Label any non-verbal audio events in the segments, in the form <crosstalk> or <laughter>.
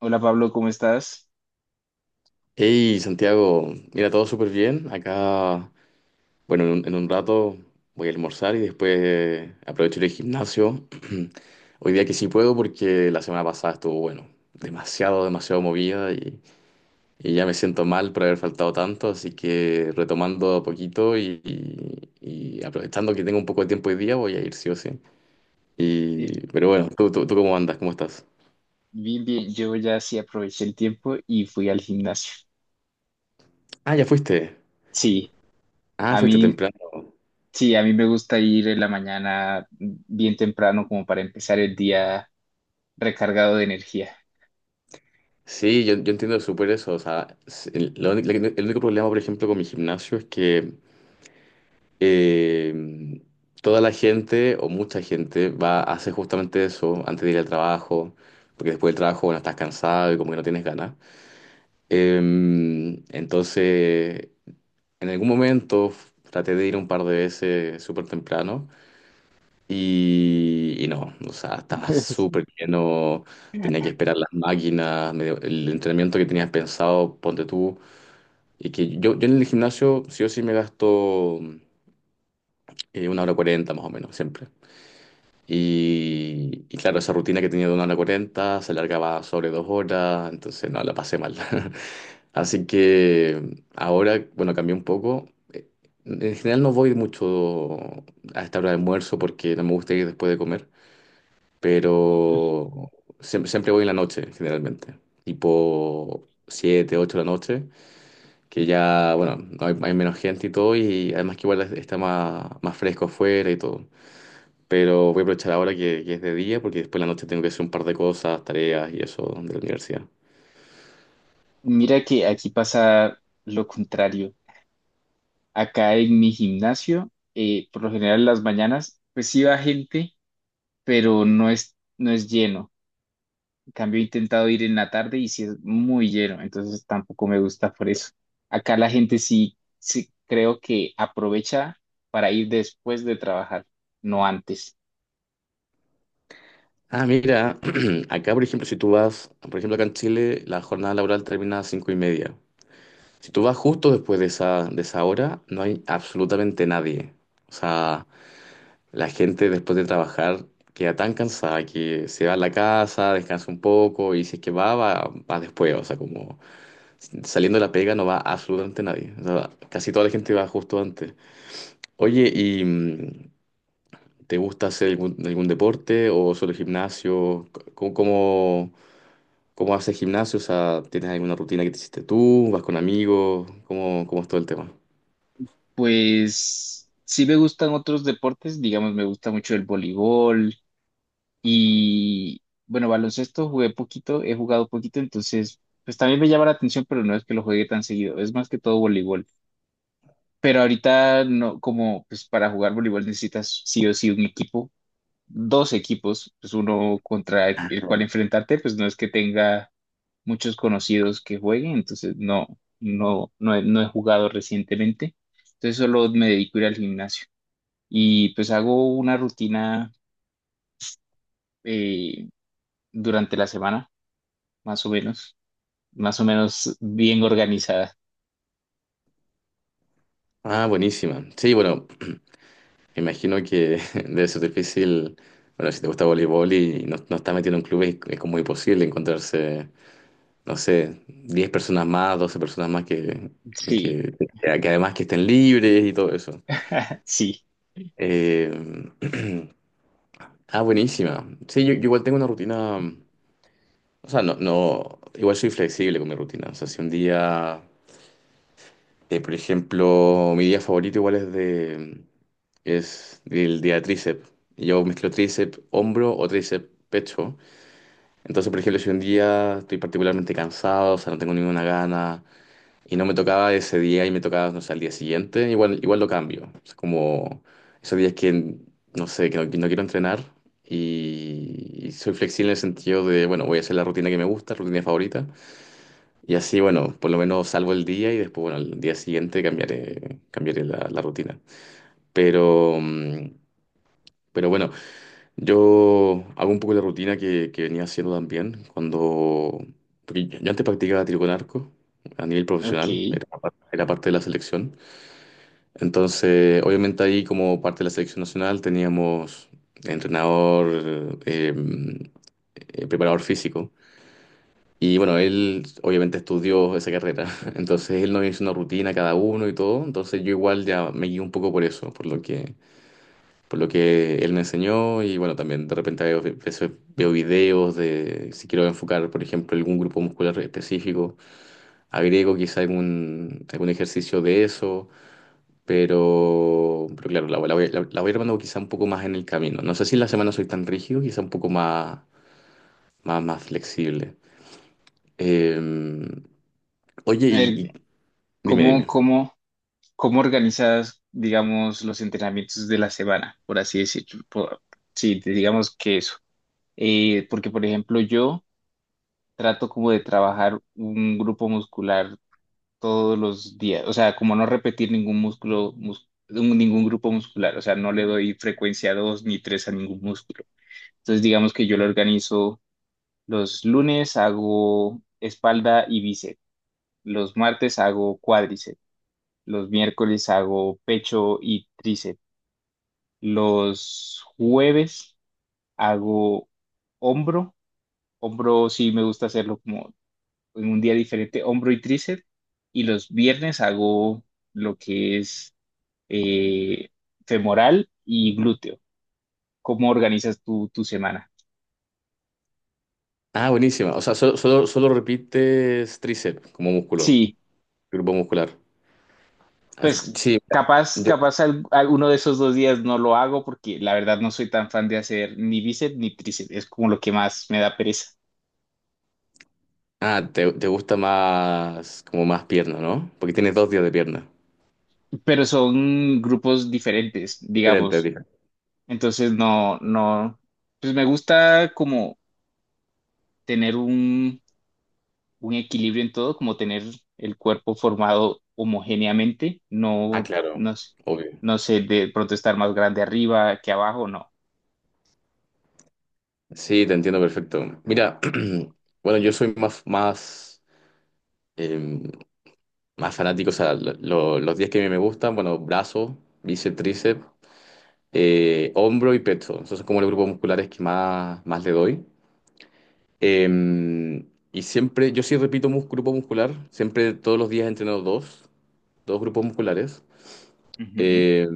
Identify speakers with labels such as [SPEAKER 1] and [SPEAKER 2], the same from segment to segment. [SPEAKER 1] Hola Pablo, ¿cómo estás?
[SPEAKER 2] Hey Santiago, mira, todo súper bien. Acá, bueno, en un rato voy a almorzar y después aprovecho el gimnasio. <clears throat> Hoy día que sí puedo porque la semana pasada estuvo, bueno, demasiado, demasiado movida y ya me siento mal por haber faltado tanto, así que retomando a poquito y aprovechando que tengo un poco de tiempo hoy día voy a ir sí o sí.
[SPEAKER 1] Eh,
[SPEAKER 2] Y pero bueno, ¿tú cómo andas? ¿Cómo estás?
[SPEAKER 1] Bien, bien, yo ya sí aproveché el tiempo y fui al gimnasio.
[SPEAKER 2] Ah, ya fuiste.
[SPEAKER 1] Sí,
[SPEAKER 2] Ah,
[SPEAKER 1] a
[SPEAKER 2] fuiste
[SPEAKER 1] mí,
[SPEAKER 2] temprano.
[SPEAKER 1] sí, a mí me gusta ir en la mañana bien temprano como para empezar el día recargado de energía.
[SPEAKER 2] Sí, yo entiendo súper eso. O sea, s- el, la uni- la- el único problema, por ejemplo, con mi gimnasio es que eh, toda la gente o mucha gente va a hacer justamente eso antes de ir al trabajo, porque después del trabajo, bueno, estás cansado y como que no tienes ganas. Entonces, en algún momento traté de ir un par de veces súper temprano y no, o sea, estaba
[SPEAKER 1] <laughs>
[SPEAKER 2] súper lleno, tenía que esperar las máquinas, medio- el entrenamiento que tenías pensado, ponte tú. Y que yo en el gimnasio sí o sí me gasto 1 hora 40 más o menos, siempre. Y claro, esa rutina que tenía de 1 hora 40 se alargaba sobre 2 horas, entonces no, la pasé mal. <laughs> Así que ahora, bueno, cambié un poco. En general no voy mucho a esta hora de almuerzo porque no me gusta ir después de comer, pero siempre, siempre voy en la noche, generalmente, tipo 7 u 8 de la noche, que ya, bueno, hay menos gente y todo, y además que igual es- está más, más fresco afuera y todo. Pero voy a aprovechar ahora que es de día, porque después en la noche tengo que hacer un par de cosas, tareas y eso de la universidad.
[SPEAKER 1] Mira que aquí pasa lo contrario. Acá en mi gimnasio, por lo general en las mañanas, pues sí va gente, pero no es lleno. Cambio he intentado ir en la tarde y si es muy lleno, entonces tampoco me gusta por eso. Acá la gente sí, sí creo que aprovecha para ir después de trabajar, no antes.
[SPEAKER 2] Ah, mira, <clears throat> acá por ejemplo, si tú vas, por ejemplo, acá en Chile, la jornada laboral termina a las 5:30. Si tú vas justo después de esa hora, no hay absolutamente nadie. O sea, la gente después de trabajar queda tan cansada que se va a la casa, descansa un poco y si es que va, va después. O sea, como saliendo de la pega no va absolutamente nadie. O sea, casi toda la gente va justo antes. Oye, ¿y te gusta hacer algún deporte o solo gimnasio? ¿Cómo, cómo, cómo haces gimnasio? O sea, ¿tienes alguna rutina que te hiciste tú? ¿Vas con amigos? ¿Cómo es todo el tema?
[SPEAKER 1] Pues sí me gustan otros deportes, digamos, me gusta mucho el voleibol y bueno, baloncesto jugué poquito, he jugado poquito, entonces pues también me llama la atención, pero no es que lo juegue tan seguido, es más que todo voleibol. Pero ahorita no, como pues para jugar voleibol necesitas sí o sí un equipo, dos equipos, pues uno contra el cual enfrentarte, pues no es que tenga muchos conocidos que jueguen, entonces no, no he jugado recientemente, entonces solo me dedico a ir al gimnasio y pues hago una rutina eh, durante la semana, más o menos, más o menos bien organizada.
[SPEAKER 2] Ah, buenísima. Sí, bueno, <clears throat> me imagino que <laughs> debe ser difícil. Bueno, si te gusta voleibol y no, no estás metido en un club, es como imposible encontrarse, no sé, 10 personas más, 12 personas más
[SPEAKER 1] Sí.
[SPEAKER 2] que, que además que estén libres y todo eso.
[SPEAKER 1] <laughs> Sí,
[SPEAKER 2] Eh, <clears throat> ah, buenísima. Sí, yo igual tengo una rutina, o sea, no, no, igual soy flexible con mi rutina. O sea, si un día, por ejemplo, mi día favorito igual es de, es el día de tríceps. Y yo mezclo tríceps, hombro o tríceps, pecho. Entonces, por ejemplo, si un día estoy particularmente cansado, o sea, no tengo ninguna gana, y no me tocaba ese día y me tocaba, no sé, al día siguiente, igual, igual lo cambio. Es como esos días que, no sé, que no quiero entrenar y soy flexible en el sentido de, bueno, voy a hacer la rutina que me gusta, rutina favorita. Y así, bueno, por lo menos salvo el día y después, bueno, al día siguiente cambiaré, cambiaré la, la rutina. Pero, pero bueno, yo hago un poco la rutina que venía haciendo también cuando... Porque yo antes practicaba tiro con arco a nivel profesional,
[SPEAKER 1] ok.
[SPEAKER 2] era, era parte de la selección. Entonces, obviamente ahí como parte de la selección nacional teníamos entrenador, preparador físico. Y bueno, él obviamente estudió esa carrera. <laughs> Entonces él nos hizo una rutina a cada uno y todo. Entonces yo igual ya me guié un poco por eso, por lo que él me enseñó. Y bueno, también de repente veces veo videos de si quiero enfocar, por ejemplo, algún grupo muscular específico, agrego quizá algún ejercicio de eso. Pero claro, la voy armando quizá un poco más en el camino. No sé si en la semana soy tan rígido, quizá un poco más, más flexible. Eh, Oye,
[SPEAKER 1] A ver,
[SPEAKER 2] dime,
[SPEAKER 1] ¿cómo,
[SPEAKER 2] dime.
[SPEAKER 1] cómo? ¿Cómo organizas, digamos, los entrenamientos de la semana, por así decirlo? Sí, digamos que eso. Porque, por ejemplo, yo trato como de trabajar un grupo muscular todos los días, o sea, como no repetir ningún músculo, ningún grupo muscular, o sea, no le doy frecuencia dos ni tres a ningún músculo. Entonces, digamos que yo lo organizo los lunes, hago espalda y bíceps, los martes hago cuádriceps, los miércoles hago pecho y tríceps. Los jueves hago hombro. Hombro sí me gusta hacerlo como en un día diferente, hombro y tríceps. Y los viernes hago lo que es eh, femoral y glúteo. ¿Cómo organizas tu, tu semana?
[SPEAKER 2] Ah, buenísima. O sea, solo repites tríceps como músculo,
[SPEAKER 1] Sí,
[SPEAKER 2] grupo muscular. Ah,
[SPEAKER 1] pues
[SPEAKER 2] sí,
[SPEAKER 1] capaz,
[SPEAKER 2] yo-
[SPEAKER 1] capaz, alguno de esos dos días no lo hago porque la verdad no soy tan fan de hacer ni bíceps ni tríceps. Es como lo que más me da pereza.
[SPEAKER 2] ah, te gusta más, como más pierna, ¿no? Porque tienes 2 días de pierna.
[SPEAKER 1] Pero son grupos diferentes,
[SPEAKER 2] Diferente,
[SPEAKER 1] digamos.
[SPEAKER 2] dije.
[SPEAKER 1] Entonces, no, no, pues me gusta como tener un equilibrio en todo, como tener el cuerpo formado homogéneamente,
[SPEAKER 2] Ah,
[SPEAKER 1] no,
[SPEAKER 2] claro,
[SPEAKER 1] no, s-
[SPEAKER 2] obvio.
[SPEAKER 1] no sé, de pronto estar más grande arriba que abajo, no.
[SPEAKER 2] Sí, te entiendo perfecto. Mira, <clears throat> bueno, yo soy más, más em, más fanático, o sea, los 10 que me gustan, bueno, brazo, bíceps, tríceps, hombro y pecho. Esos son como los grupos musculares que más, le doy. Eh, y siempre, yo sí repito mus- grupo muscular, siempre todos los días entreno dos grupos musculares.
[SPEAKER 1] Ujú.
[SPEAKER 2] Eh,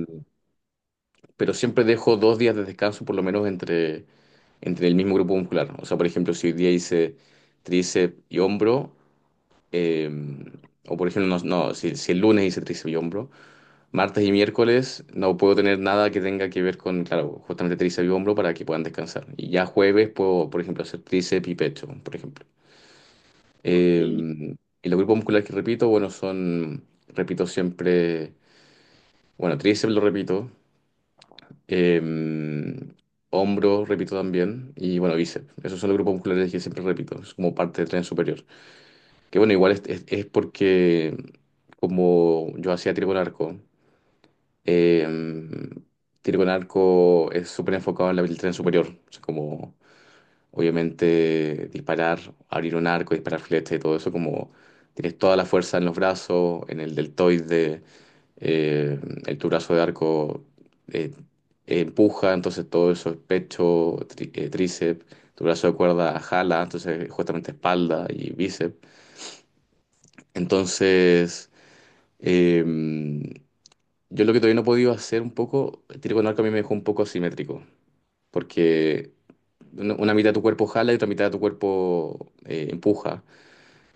[SPEAKER 2] pero siempre dejo 2 días de descanso por lo menos entre el mismo grupo muscular. O sea, por ejemplo, si hoy día hice tríceps y hombro, eh, o por ejemplo, no, no, si, si el lunes hice tríceps y hombro, martes y miércoles no puedo tener nada que tenga que ver con, claro, justamente tríceps y hombro para que puedan descansar. Y ya jueves puedo, por ejemplo, hacer tríceps y pecho, por ejemplo.
[SPEAKER 1] Ok.
[SPEAKER 2] Eh, y los grupos musculares que repito, bueno, son, repito siempre, bueno, tríceps lo repito, eh, hombro repito también, y bueno, bíceps. Esos son los grupos musculares que siempre repito, es como parte del tren superior. Que bueno, igual es porque como yo hacía tiro con arco. Eh, Tiro con arco es súper enfocado en la habilidad superior. O sea, como obviamente disparar, abrir un arco, disparar flechas y todo eso, como tienes toda la fuerza en los brazos, en el deltoide, eh, el tu brazo de arco eh, empuja, entonces todo eso es pecho, tríceps, tu brazo de cuerda jala, entonces justamente espalda y bíceps. Entonces... em, yo lo que todavía no he podido hacer un poco, el tiro con arco a mí me dejó un poco asimétrico, porque una mitad de tu cuerpo jala y otra mitad de tu cuerpo empuja.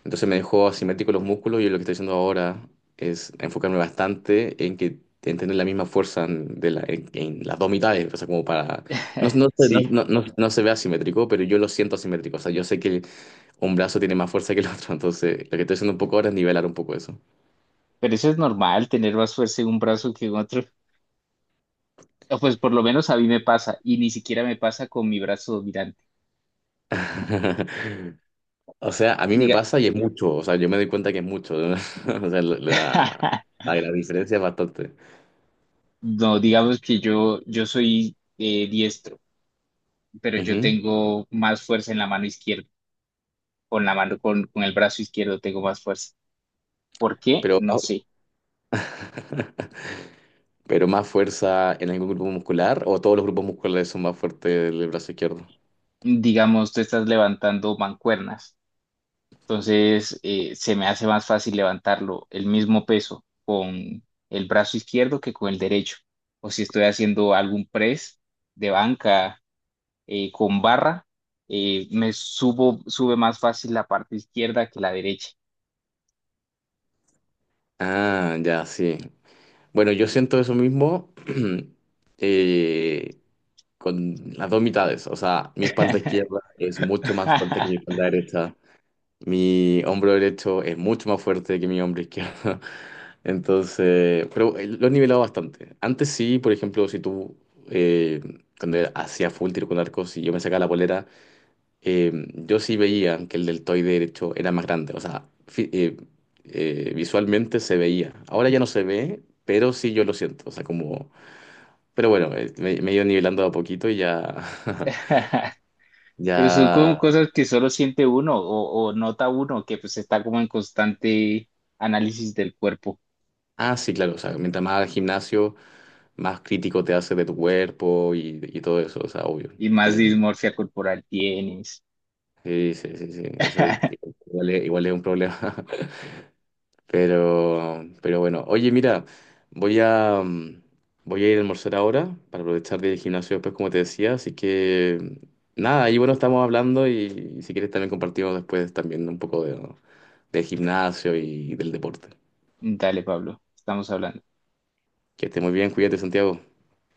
[SPEAKER 2] Entonces me dejó asimétrico los músculos y lo que estoy haciendo ahora es enfocarme bastante en que en tener la misma fuerza en, de la- en las dos mitades, o sea, como para... No,
[SPEAKER 1] <laughs>
[SPEAKER 2] no, se- no,
[SPEAKER 1] Sí,
[SPEAKER 2] no, no- no se ve asimétrico, pero yo lo siento asimétrico, o sea, yo sé que un brazo tiene más fuerza que el otro, entonces lo que estoy haciendo un poco ahora es nivelar un poco eso.
[SPEAKER 1] pero eso es normal, tener más fuerza en un brazo que en otro. O pues por lo menos a mí me pasa, y ni siquiera me pasa con mi brazo dominante.
[SPEAKER 2] <laughs> O sea, a mí me
[SPEAKER 1] Diga.
[SPEAKER 2] pasa y es mucho, o sea, yo me doy cuenta que es mucho. <laughs> O sea, la,
[SPEAKER 1] <laughs>
[SPEAKER 2] la, la diferencia es bastante.
[SPEAKER 1] No, digamos que yo soy diestro. Pero yo
[SPEAKER 2] Ujú.
[SPEAKER 1] tengo más fuerza en la mano izquierda, con la mano, con el brazo izquierdo tengo más fuerza. ¿Por qué?
[SPEAKER 2] Pero,
[SPEAKER 1] No sé.
[SPEAKER 2] <laughs> pero más fuerza en algún grupo muscular o todos los grupos musculares son más fuertes del brazo izquierdo.
[SPEAKER 1] Digamos, tú estás levantando mancuernas, entonces se me hace más fácil levantarlo el mismo peso con el brazo izquierdo que con el derecho. O si estoy haciendo algún press de banca con barra, me subo, sube más fácil la parte izquierda que la derecha.
[SPEAKER 2] Ah, ya, sí. Bueno, yo siento eso mismo <clears throat> eh, con las dos mitades, o sea, mi espalda izquierda es mucho más fuerte que mi
[SPEAKER 1] <laughs>
[SPEAKER 2] espalda derecha. Mi hombro derecho es mucho más fuerte que mi hombro izquierdo. <laughs> Entonces, pero lo he nivelado bastante. Antes sí, por ejemplo, si tú, eh, cuando hacía full tiro con arcos y yo me sacaba la polera, yo sí veía que el deltoide derecho era más grande. O sea, visualmente se veía. Ahora ya no se ve, pero sí yo lo siento. O sea, como... Pero bueno, me he ido nivelando de a poquito y ya... <laughs>
[SPEAKER 1] Pero son como
[SPEAKER 2] ya...
[SPEAKER 1] cosas que solo siente uno o nota uno que pues está como en constante análisis del cuerpo
[SPEAKER 2] Ah, sí, claro. O sea, mientras más al gimnasio... más crítico te hace de tu cuerpo y todo eso, o sea, obvio.
[SPEAKER 1] y más
[SPEAKER 2] Eh,
[SPEAKER 1] dismorfia corporal tienes.
[SPEAKER 2] sí, sí, sí, sí, eso
[SPEAKER 1] <laughs>
[SPEAKER 2] igual es un problema. <laughs> Pero bueno, oye, mira, voy a, mm, voy a ir a almorzar ahora para aprovechar del gimnasio después, como te decía, así que nada, ahí bueno, estamos hablando y, si quieres también compartimos después también un poco de, del gimnasio y del deporte.
[SPEAKER 1] Dale, Pablo, estamos hablando.
[SPEAKER 2] Que esté muy bien, cuídate, Santiago.